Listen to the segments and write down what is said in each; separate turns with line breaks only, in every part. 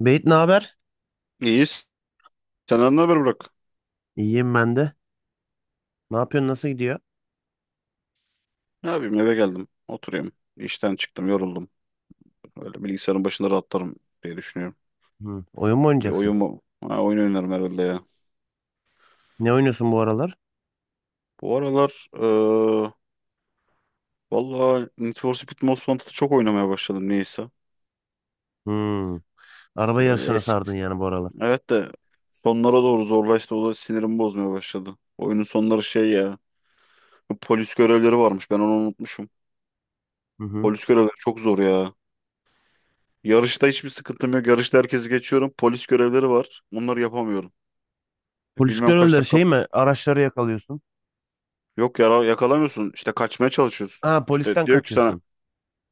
Beyt, ne haber?
İyiyiz. Senden ne haber Burak?
İyiyim ben de. Ne yapıyorsun? Nasıl gidiyor?
Ne yapayım eve geldim. Oturuyorum. İşten çıktım yoruldum. Öyle bilgisayarın başında rahatlarım diye düşünüyorum.
Hı. Oyun mu
Bir
oynayacaksın?
oyun mu? Ha, oyun oynarım herhalde ya.
Ne oynuyorsun bu aralar?
Bu aralar valla Need for Speed Most Wanted'ı çok oynamaya başladım niyeyse.
Hı. Araba
Eee,
yarışına
eski.
sardın yani bu aralar.
Evet de sonlara doğru zorlaştı. O da sinirimi bozmaya başladı. Oyunun sonları şey ya. Polis görevleri varmış. Ben onu unutmuşum.
Hı hı.
Polis görevleri çok zor ya. Yarışta hiçbir sıkıntım yok. Yarışta herkesi geçiyorum. Polis görevleri var. Onları yapamıyorum.
Polis
Bilmem kaç
görevlileri
dakika.
şey mi? Araçları yakalıyorsun.
Yok yara yakalamıyorsun. İşte kaçmaya çalışıyorsun.
Ha,
İşte
polisten
diyor ki sana
kaçıyorsun.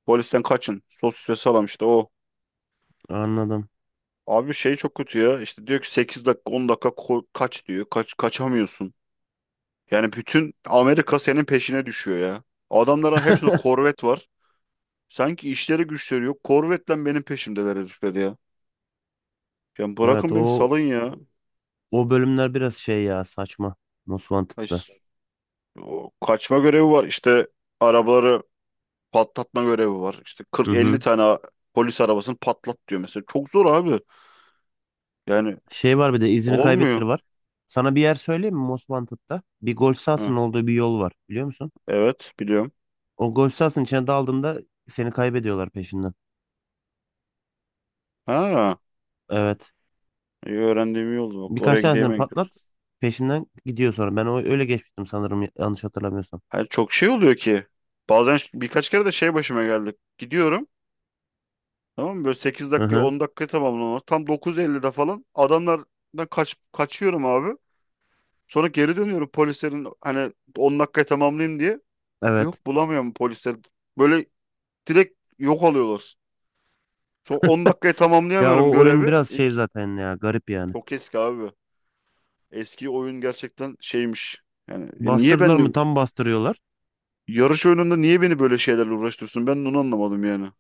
polisten kaçın. Sos ve salam işte o.
Anladım.
Abi şey çok kötü ya. İşte diyor ki 8 dakika 10 dakika kaç diyor. Kaç kaçamıyorsun. Yani bütün Amerika senin peşine düşüyor ya. Adamların hepsinde korvet var. Sanki işleri güçleri yok. Korvetle benim peşimdeler herifler ya. Yani
Evet,
bırakın beni
o
salın ya.
o bölümler biraz şey ya, saçma. Most
Ay,
Wanted'da.
o kaçma görevi var. İşte arabaları patlatma görevi var. İşte
Hı
40-50
hı.
tane polis arabasını patlat diyor mesela. Çok zor abi. Yani
Şey var, bir de izini kaybettir
olmuyor.
var. Sana bir yer söyleyeyim mi Most Wanted'da? Bir golf
Ha,
sahasının olduğu bir yol var, biliyor musun?
evet biliyorum.
O golf sahasının içine daldığında seni kaybediyorlar peşinden.
Ha,
Evet.
iyi öğrendiğim iyi oldu. Bak
Birkaç
oraya gideyim
tanesini
en kötü.
patlat. Peşinden gidiyor sonra. Ben o öyle geçmiştim sanırım, yanlış hatırlamıyorsam.
Yani çok şey oluyor ki. Bazen birkaç kere de şey başıma geldi. Gidiyorum. Tamam mı? Böyle sekiz
Hı
dakikayı
hı.
10 dakikayı tamamlamam. Tam 9:50'de falan adamlardan kaçıyorum abi. Sonra geri dönüyorum polislerin hani 10 dakikayı tamamlayayım diye.
Evet.
Yok bulamıyorum polisler. Böyle direkt yok alıyorlar. Son 10 dakikaya
Ya
tamamlayamıyorum
o oyun
görevi.
biraz şey
İlk
zaten ya, garip yani.
çok eski abi. Eski oyun gerçekten şeymiş. Yani niye
Bastırdılar mı
ben
tam bastırıyorlar.
yarış oyununda niye beni böyle şeylerle uğraştırsın? Ben onu anlamadım yani.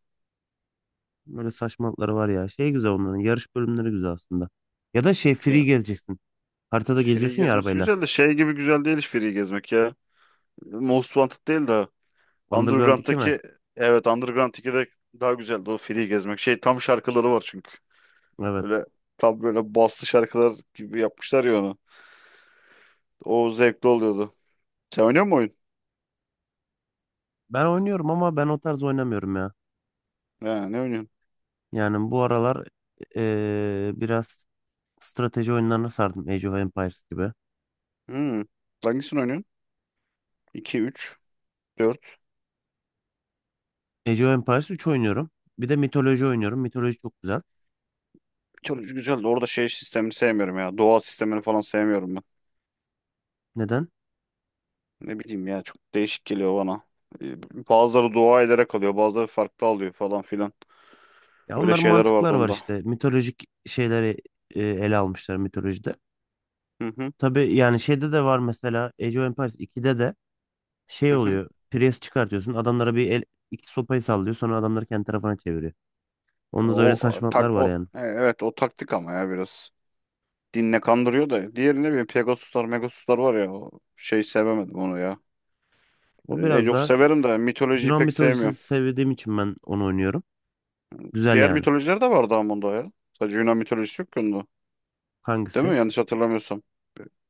Böyle saçmalıkları var ya. Şey güzel, onların yarış bölümleri güzel aslında. Ya da şey, free
Ya,
gezeceksin. Haritada
free
geziyorsun ya
gezmesi
arabayla.
güzel de şey gibi güzel değil hiç free gezmek ya. Most Wanted değil de
Underground iki mi?
Underground'daki evet Underground 2'de daha güzeldi o free gezmek. Şey tam şarkıları var çünkü.
Evet.
Böyle tam böyle baslı şarkılar gibi yapmışlar ya onu. O zevkli oluyordu. Sen oynuyor musun oyun?
Ben oynuyorum ama ben o tarz oynamıyorum ya.
Ha, ne oynuyorsun?
Yani bu aralar biraz strateji oyunlarına sardım. Age of Empires gibi.
Hmm. Hangisini oynuyorsun? 2, 3 4.
Age of Empires 3 oynuyorum. Bir de mitoloji oynuyorum. Mitoloji çok güzel.
Mitoloji güzeldi orada şey sistemini sevmiyorum ya. Doğa sistemini falan sevmiyorum ben.
Neden?
Ne bileyim ya çok değişik geliyor bana. Ee, Bazıları dua ederek alıyor, bazıları farklı alıyor falan filan.
Ya
Öyle
onların
şeyler
mantıklar
vardı
var
onda.
işte. Mitolojik şeyleri ele almışlar mitolojide.
Hı hı
Tabii yani şeyde de var mesela, Age of Empires 2'de de şey
hı hı.
oluyor. Priest çıkartıyorsun. Adamlara bir el, iki sopayı sallıyor. Sonra adamları kendi tarafına çeviriyor. Onda da öyle
O
saçmalıklar
tak
var
o
yani.
evet o taktik ama ya biraz. Dinle kandırıyor da. Diğeri ne bileyim Pegasuslar, Megasuslar var ya. O şey sevemedim onu ya.
O biraz
Age of
da
severim de mitolojiyi
Yunan
pek
mitolojisi
sevmiyorum.
sevdiğim için ben onu oynuyorum. Güzel
Diğer
yani.
mitolojiler de vardı ama onda ya. Sadece Yunan mitolojisi yok ki onda. Değil
Hangisi?
mi? Yanlış hatırlamıyorsam.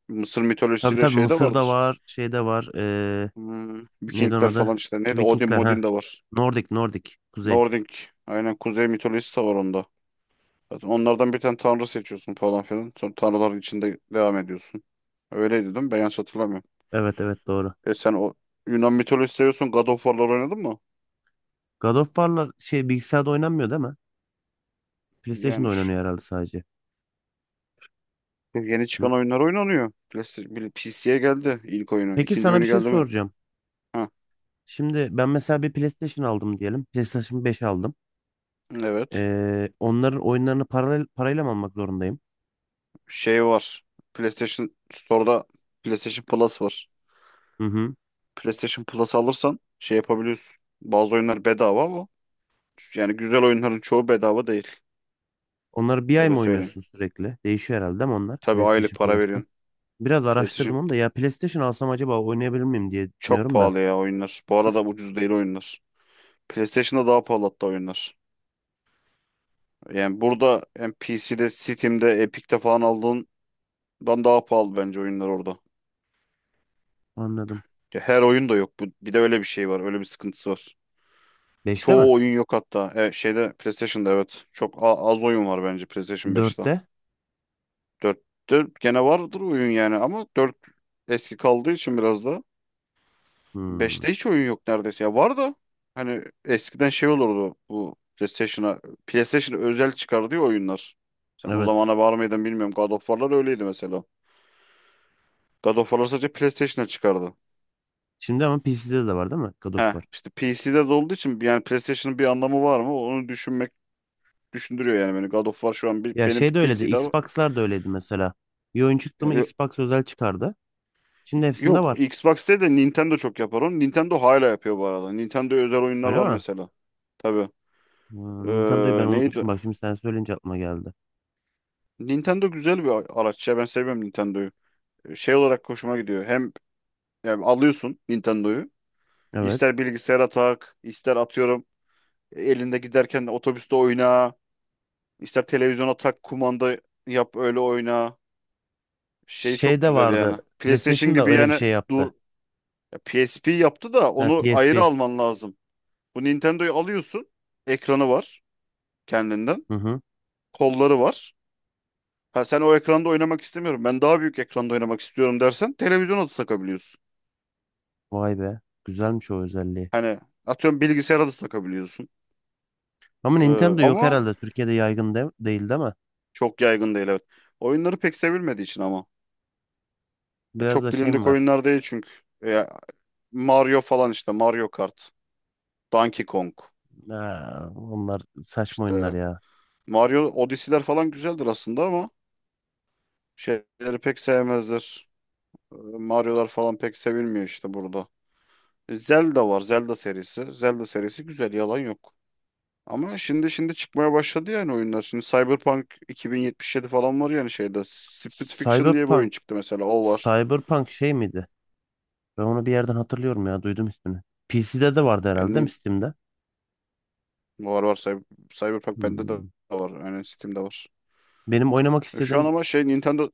Mısır
Tabii
mitolojisiyle
tabii,
şey de
Mısır'da
vardır.
var, şeyde var.
Hmm,
Neydi onun
Vikingler falan
adı?
işte.
Ki
Neydi? Odin
Vikingler
Modin
ha.
de var.
Nordic, Nordic. Kuzey.
Nordik. Aynen kuzey mitolojisi de var onda. Zaten onlardan bir tane tanrı seçiyorsun falan filan. Sonra tanrıların içinde devam ediyorsun. Öyleydi değil mi? Ben yanlış hatırlamıyorum.
Evet evet, doğru.
E sen o Yunan mitolojisi seviyorsun. God of War'lar oynadın mı?
God of War'lar şey, bilgisayarda oynanmıyor değil mi? PlayStation'da
Yani
oynanıyor herhalde sadece.
yeni
Hı.
çıkan oyunlar oynanıyor. PC'ye geldi ilk oyunu.
Peki
İkinci
sana bir
oyunu
şey
geldi mi?
soracağım.
Ha,
Şimdi ben mesela bir PlayStation aldım diyelim. PlayStation 5 aldım.
evet.
Onların oyunlarını paralel, parayla mı almak zorundayım?
Şey var. PlayStation Store'da PlayStation Plus var.
Hı hı.
PlayStation Plus alırsan şey yapabiliyorsun. Bazı oyunlar bedava ama yani güzel oyunların çoğu bedava değil.
Onları bir ay
Öyle
mı
söyleyeyim.
oynuyorsun sürekli? Değişiyor herhalde değil mi onlar?
Tabii aylık
PlayStation
para
Plus'ta.
veriyorsun.
Biraz araştırdım
PlayStation
onu da. Ya PlayStation alsam acaba oynayabilir miyim diye
çok
düşünüyorum da.
pahalı ya oyunlar. Bu arada ucuz değil oyunlar. PlayStation'da daha pahalı hatta oyunlar. Yani burada hem PC'de, Steam'de, Epic'te falan aldığından daha pahalı bence oyunlar orada.
Anladım.
Ya her oyun da yok. Bu- Bir de öyle bir şey var. Öyle bir sıkıntısı var.
Beşte mi?
Çoğu oyun yok hatta. Şeyde PlayStation'da evet. Çok az oyun var bence PlayStation 5'te.
Dörtte?
Dörtte gene vardır oyun yani ama dört eski kaldığı için biraz da.
Hmm.
Beşte hiç oyun yok neredeyse. Ya var da hani eskiden şey olurdu bu PlayStation'a özel çıkardığı oyunlar. Sen o
Evet.
zamana var mıydın bilmiyorum. God of War'lar öyleydi mesela. God of War'lar sadece PlayStation'a çıkardı.
Şimdi ama PC'de de var değil mi? God of
He
War.
işte PC'de de olduğu için yani PlayStation'ın bir anlamı var mı? Onu düşünmek düşündürüyor yani beni. God of War şu an bir,
Ya
benim
şey de öyleydi.
PC'de.
Xbox'lar da öyleydi mesela. Bir oyun çıktı mı Xbox özel çıkardı. Şimdi hepsinde
Yok,
var.
Xbox'te de Nintendo çok yapar onu. Nintendo hala yapıyor bu arada. Nintendo'ya özel oyunlar
Öyle
var
mi?
mesela. Tabii.
Hmm, Nintendo'yu ben
Neydi?
unutmuşum. Bak şimdi sen söyleyince aklıma geldi.
Nintendo güzel bir araç ya. Ben seviyorum Nintendo'yu. Şey olarak hoşuma gidiyor. Hem yani alıyorsun Nintendo'yu.
Evet.
İster bilgisayara tak, ister atıyorum elinde giderken de otobüste oyna, ister televizyona tak, kumanda yap öyle oyna. Şey
Şey
çok
de
güzel
vardı.
yani. PlayStation
PlayStation da
gibi
öyle bir
yani
şey yaptı.
dur ya PSP yaptı da
Ha,
onu ayrı
PSP.
alman lazım. Bu Nintendo'yu alıyorsun. Ekranı var kendinden.
Hı hı.
Kolları var. Ha sen o ekranda oynamak istemiyorum. Ben daha büyük ekranda oynamak istiyorum dersen televizyona da takabiliyorsun.
Vay be. Güzelmiş o özelliği.
Hani atıyorum bilgisayara da takabiliyorsun.
Ama
Ee,
Nintendo yok
ama
herhalde. Türkiye'de yaygın de değil değil mi?
çok yaygın değil evet. Oyunları pek sevilmediği için ama. Ya
Biraz da
çok
şey mi
bilindik
var?
oyunlar değil çünkü. Ya Mario falan işte Mario Kart, Donkey Kong
Ha, onlar saçma oyunlar
işte
ya.
Mario Odyssey'ler falan güzeldir aslında ama şeyleri pek sevmezler. Mario'lar falan pek sevilmiyor işte burada. Zelda var. Zelda serisi. Zelda serisi güzel. Yalan yok. Ama şimdi şimdi çıkmaya başladı yani oyunlar. Şimdi Cyberpunk 2077 falan var yani şeyde. Split Fiction diye bir oyun
Cyberpunk.
çıktı mesela. O var.
Cyberpunk şey miydi? Ben onu bir yerden hatırlıyorum ya. Duydum ismini. PC'de de vardı herhalde değil mi
Yani
Steam'de?
var var. Cyberpunk bende de
Hmm.
var. Yani Steam'de var.
Benim oynamak
Şu an
istediğim
ama şey Nintendo...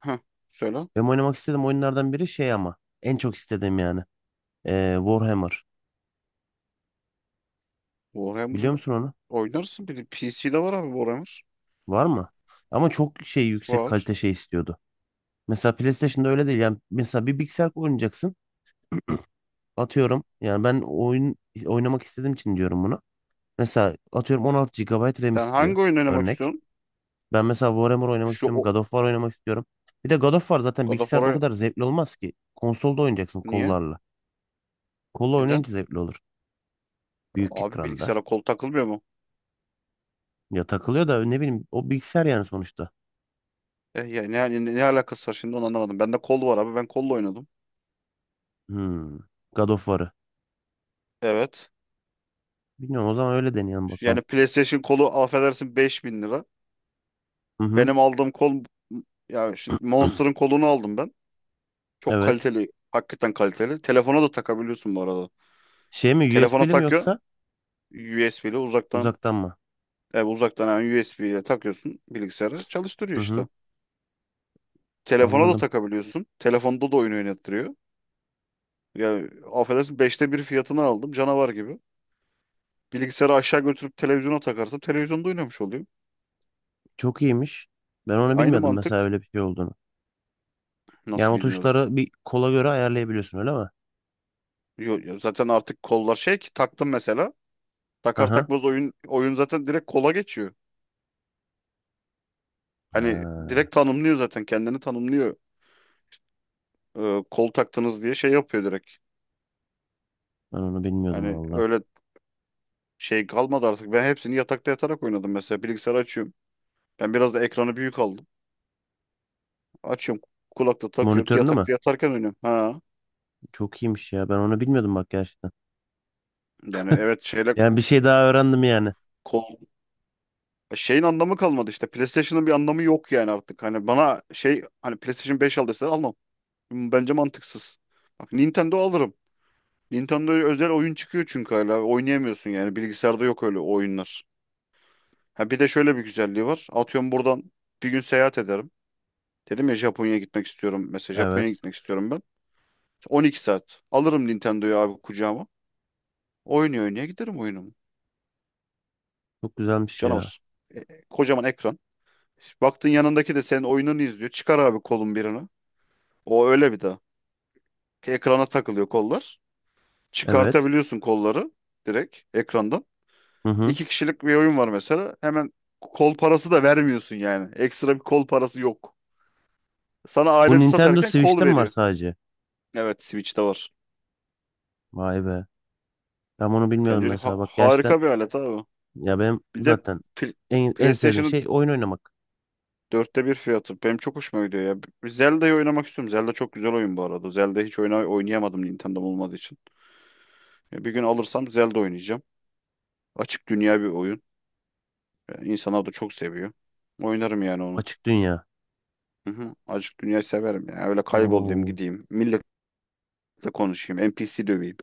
Heh, söyle.
Benim oynamak istediğim oyunlardan biri şey ama, en çok istediğim yani. Warhammer. Biliyor
Warhammer'ı
musun onu?
oynarsın. Bir de PC'de var abi Warhammer.
Var mı? Ama çok şey, yüksek
Var.
kalite şey istiyordu. Mesela PlayStation'da öyle değil. Yani mesela bir bilgisayar oynayacaksın. Atıyorum. Yani ben oyun oynamak istediğim için diyorum bunu. Mesela atıyorum 16 gigabayt RAM
Sen
istiyor.
hangi oyun oynamak
Örnek.
istiyorsun?
Ben mesela Warhammer oynamak
Şu
istiyorum.
o...
God of War oynamak istiyorum. Bir de God of War zaten
God of
bilgisayarda o
War'a
kadar zevkli olmaz ki. Konsolda oynayacaksın
niye?
kollarla. Kolla
Neden?
oynayınca zevkli olur. Büyük
Abi
ekranda.
bilgisayara kol takılmıyor mu?
Ya takılıyor da ne bileyim, o bilgisayar yani sonuçta.
Ya ne, hani ne alakası var şimdi onu anlamadım. Bende kol var abi. Ben kolla oynadım.
Hmm. God of War'ı.
Evet.
Bilmiyorum, o zaman öyle deneyelim bakalım.
Yani PlayStation kolu affedersin 5.000 lira.
Hı hı.
Benim aldığım kol ya şimdi Monster'ın kolunu aldım ben. Çok
Evet.
kaliteli. Hakikaten kaliteli. Telefona da takabiliyorsun bu arada.
Şey mi,
Telefona
USB'li mi
takıyor.
yoksa
USB ile uzaktan
uzaktan mı?
uzaktan yani USB ile takıyorsun bilgisayarı
Hı
çalıştırıyor
hı.
işte. Telefona da
Anladım.
takabiliyorsun. Telefonda da oyun oynattırıyor. Ya affedersin 1/5 fiyatını aldım canavar gibi. Bilgisayarı aşağı götürüp televizyona takarsın. Televizyonda oynamış oluyor.
Çok iyiymiş. Ben onu
Aynı
bilmiyordum mesela
mantık.
öyle bir şey olduğunu. Yani
Nasıl
o
bilmiyordum.
tuşları bir kola göre ayarlayabiliyorsun öyle mi?
Ya zaten artık kollar şey ki taktım mesela.
Hı
Takar
hı.
takmaz oyun zaten direkt kola geçiyor. Hani
Ha,
direkt tanımlıyor zaten kendini tanımlıyor. Kol taktınız diye şey yapıyor direkt.
ben onu bilmiyordum
Hani
valla.
öyle şey kalmadı artık. Ben hepsini yatakta yatarak oynadım mesela. Bilgisayarı açıyorum. Ben biraz da ekranı büyük aldım. Açıyorum kulakta takıyorum.
Monitörünü mü?
Yatakta yatarken oynuyorum. Ha.
Çok iyiymiş ya. Ben onu bilmiyordum bak gerçekten.
Yani evet şeyle
Yani bir şey daha öğrendim yani.
kol şeyin anlamı kalmadı işte. PlayStation'ın bir anlamı yok yani artık. Hani bana şey hani PlayStation 5 aldıysa almam. Bence mantıksız. Bak Nintendo alırım. Nintendo'ya özel oyun çıkıyor çünkü hala. Oynayamıyorsun yani. Bilgisayarda yok öyle oyunlar. Ha bir de şöyle bir güzelliği var. Atıyorum buradan bir gün seyahat ederim. Dedim ya Japonya'ya gitmek istiyorum. Mesela Japonya'ya
Evet.
gitmek istiyorum ben. 12 saat. Alırım Nintendo'yu abi kucağıma. Oynuyor oynaya giderim oyunumu.
Çok güzelmiş ya.
Canavar. Kocaman ekran. Baktın yanındaki de senin oyununu izliyor. Çıkar abi kolun birini. O öyle bir daha. Ekrana takılıyor kollar.
Evet.
Çıkartabiliyorsun kolları direkt ekrandan.
Hı hı.
İki kişilik bir oyun var mesela. Hemen kol parası da vermiyorsun yani. Ekstra bir kol parası yok. Sana
Bu
aleti
Nintendo
satarken kol
Switch'te mi var
veriyor.
sadece?
Evet Switch'te var.
Vay be. Ben onu bilmiyordum
Bence
mesela. Bak gerçekten,
harika bir alet abi.
ya benim
Bir de
zaten
pl-
en sevdiğim
PlayStation'ın
şey oyun oynamak.
1/4 fiyatı. Benim çok hoşuma gidiyor ya. Bir Zelda'yı oynamak istiyorum. Zelda çok güzel oyun bu arada. Zelda hiç oynayamadım Nintendo'm olmadığı için. Ya bir gün alırsam Zelda oynayacağım. Açık dünya bir oyun. Yani İnsanlar da çok seviyor. Oynarım yani onu.
Açık dünya.
Hı hı. Açık dünyayı severim ya. Öyle kaybolayım
Oo.
gideyim. Millet da konuşayım. NPC döveyim.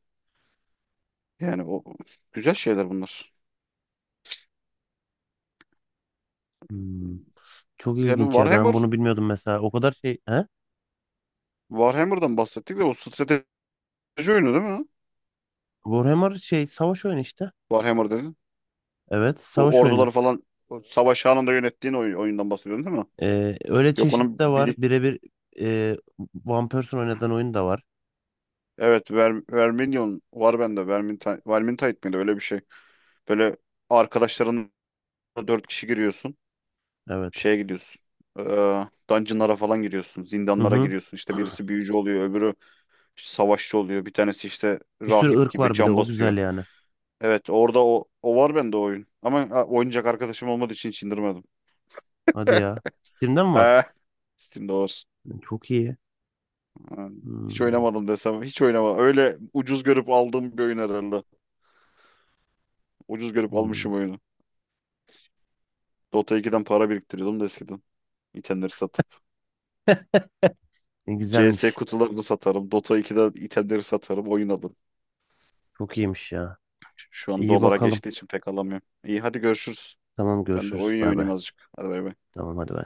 Yani o güzel şeyler bunlar.
Hmm. Çok
Yani
ilginç ya. Ben
Warhammer,
bunu bilmiyordum mesela. O kadar şey. He?
Warhammer'dan bahsettik de o strateji oyunu değil mi?
Warhammer şey, savaş oyunu işte.
Warhammer dedin.
Evet.
Bu
Savaş oyunu.
orduları falan o savaş anında yönettiğin oyundan bahsediyorsun değil mi?
Öyle
Yok
çeşitli
onun
de var.
bilik
E, One Person oynadığın oyun da var.
evet Verminion var bende. Vermintide, Vermintide miydi öyle bir şey. Böyle arkadaşlarınla dört kişi giriyorsun.
Evet.
Şeye gidiyorsun. Ee, dungeonlara falan giriyorsun.
Hı
Zindanlara
hı.
giriyorsun. İşte birisi büyücü oluyor, öbürü savaşçı oluyor. Bir tanesi işte
Bir sürü
rahip
ırk
gibi
var, bir de
can
o güzel
basıyor.
yani.
Evet orada o var bende o oyun. Ama ha, oynayacak arkadaşım olmadığı için hiç indirmedim.
Hadi ya. Steam'de mi var?
He. Steam'de var.
Çok iyi.
Ha, hiç
Hmm.
oynamadım desem. Hiç oynamadım. Öyle ucuz görüp aldığım bir oyun herhalde. Ucuz görüp
Hmm.
almışım oyunu. Dota 2'den para biriktiriyordum da eskiden. İtemleri satıp.
Ne
CS
güzelmiş.
kutularını satarım. Dota 2'de itemleri satarım. Oyun alırım.
Çok iyiymiş ya.
Şu an
İyi
dolara
bakalım.
geçtiği için pek alamıyorum. İyi hadi görüşürüz.
Tamam
Ben de
görüşürüz.
oyun
Bay
oynayayım
bay.
azıcık. Hadi bay bay.
Tamam hadi bay.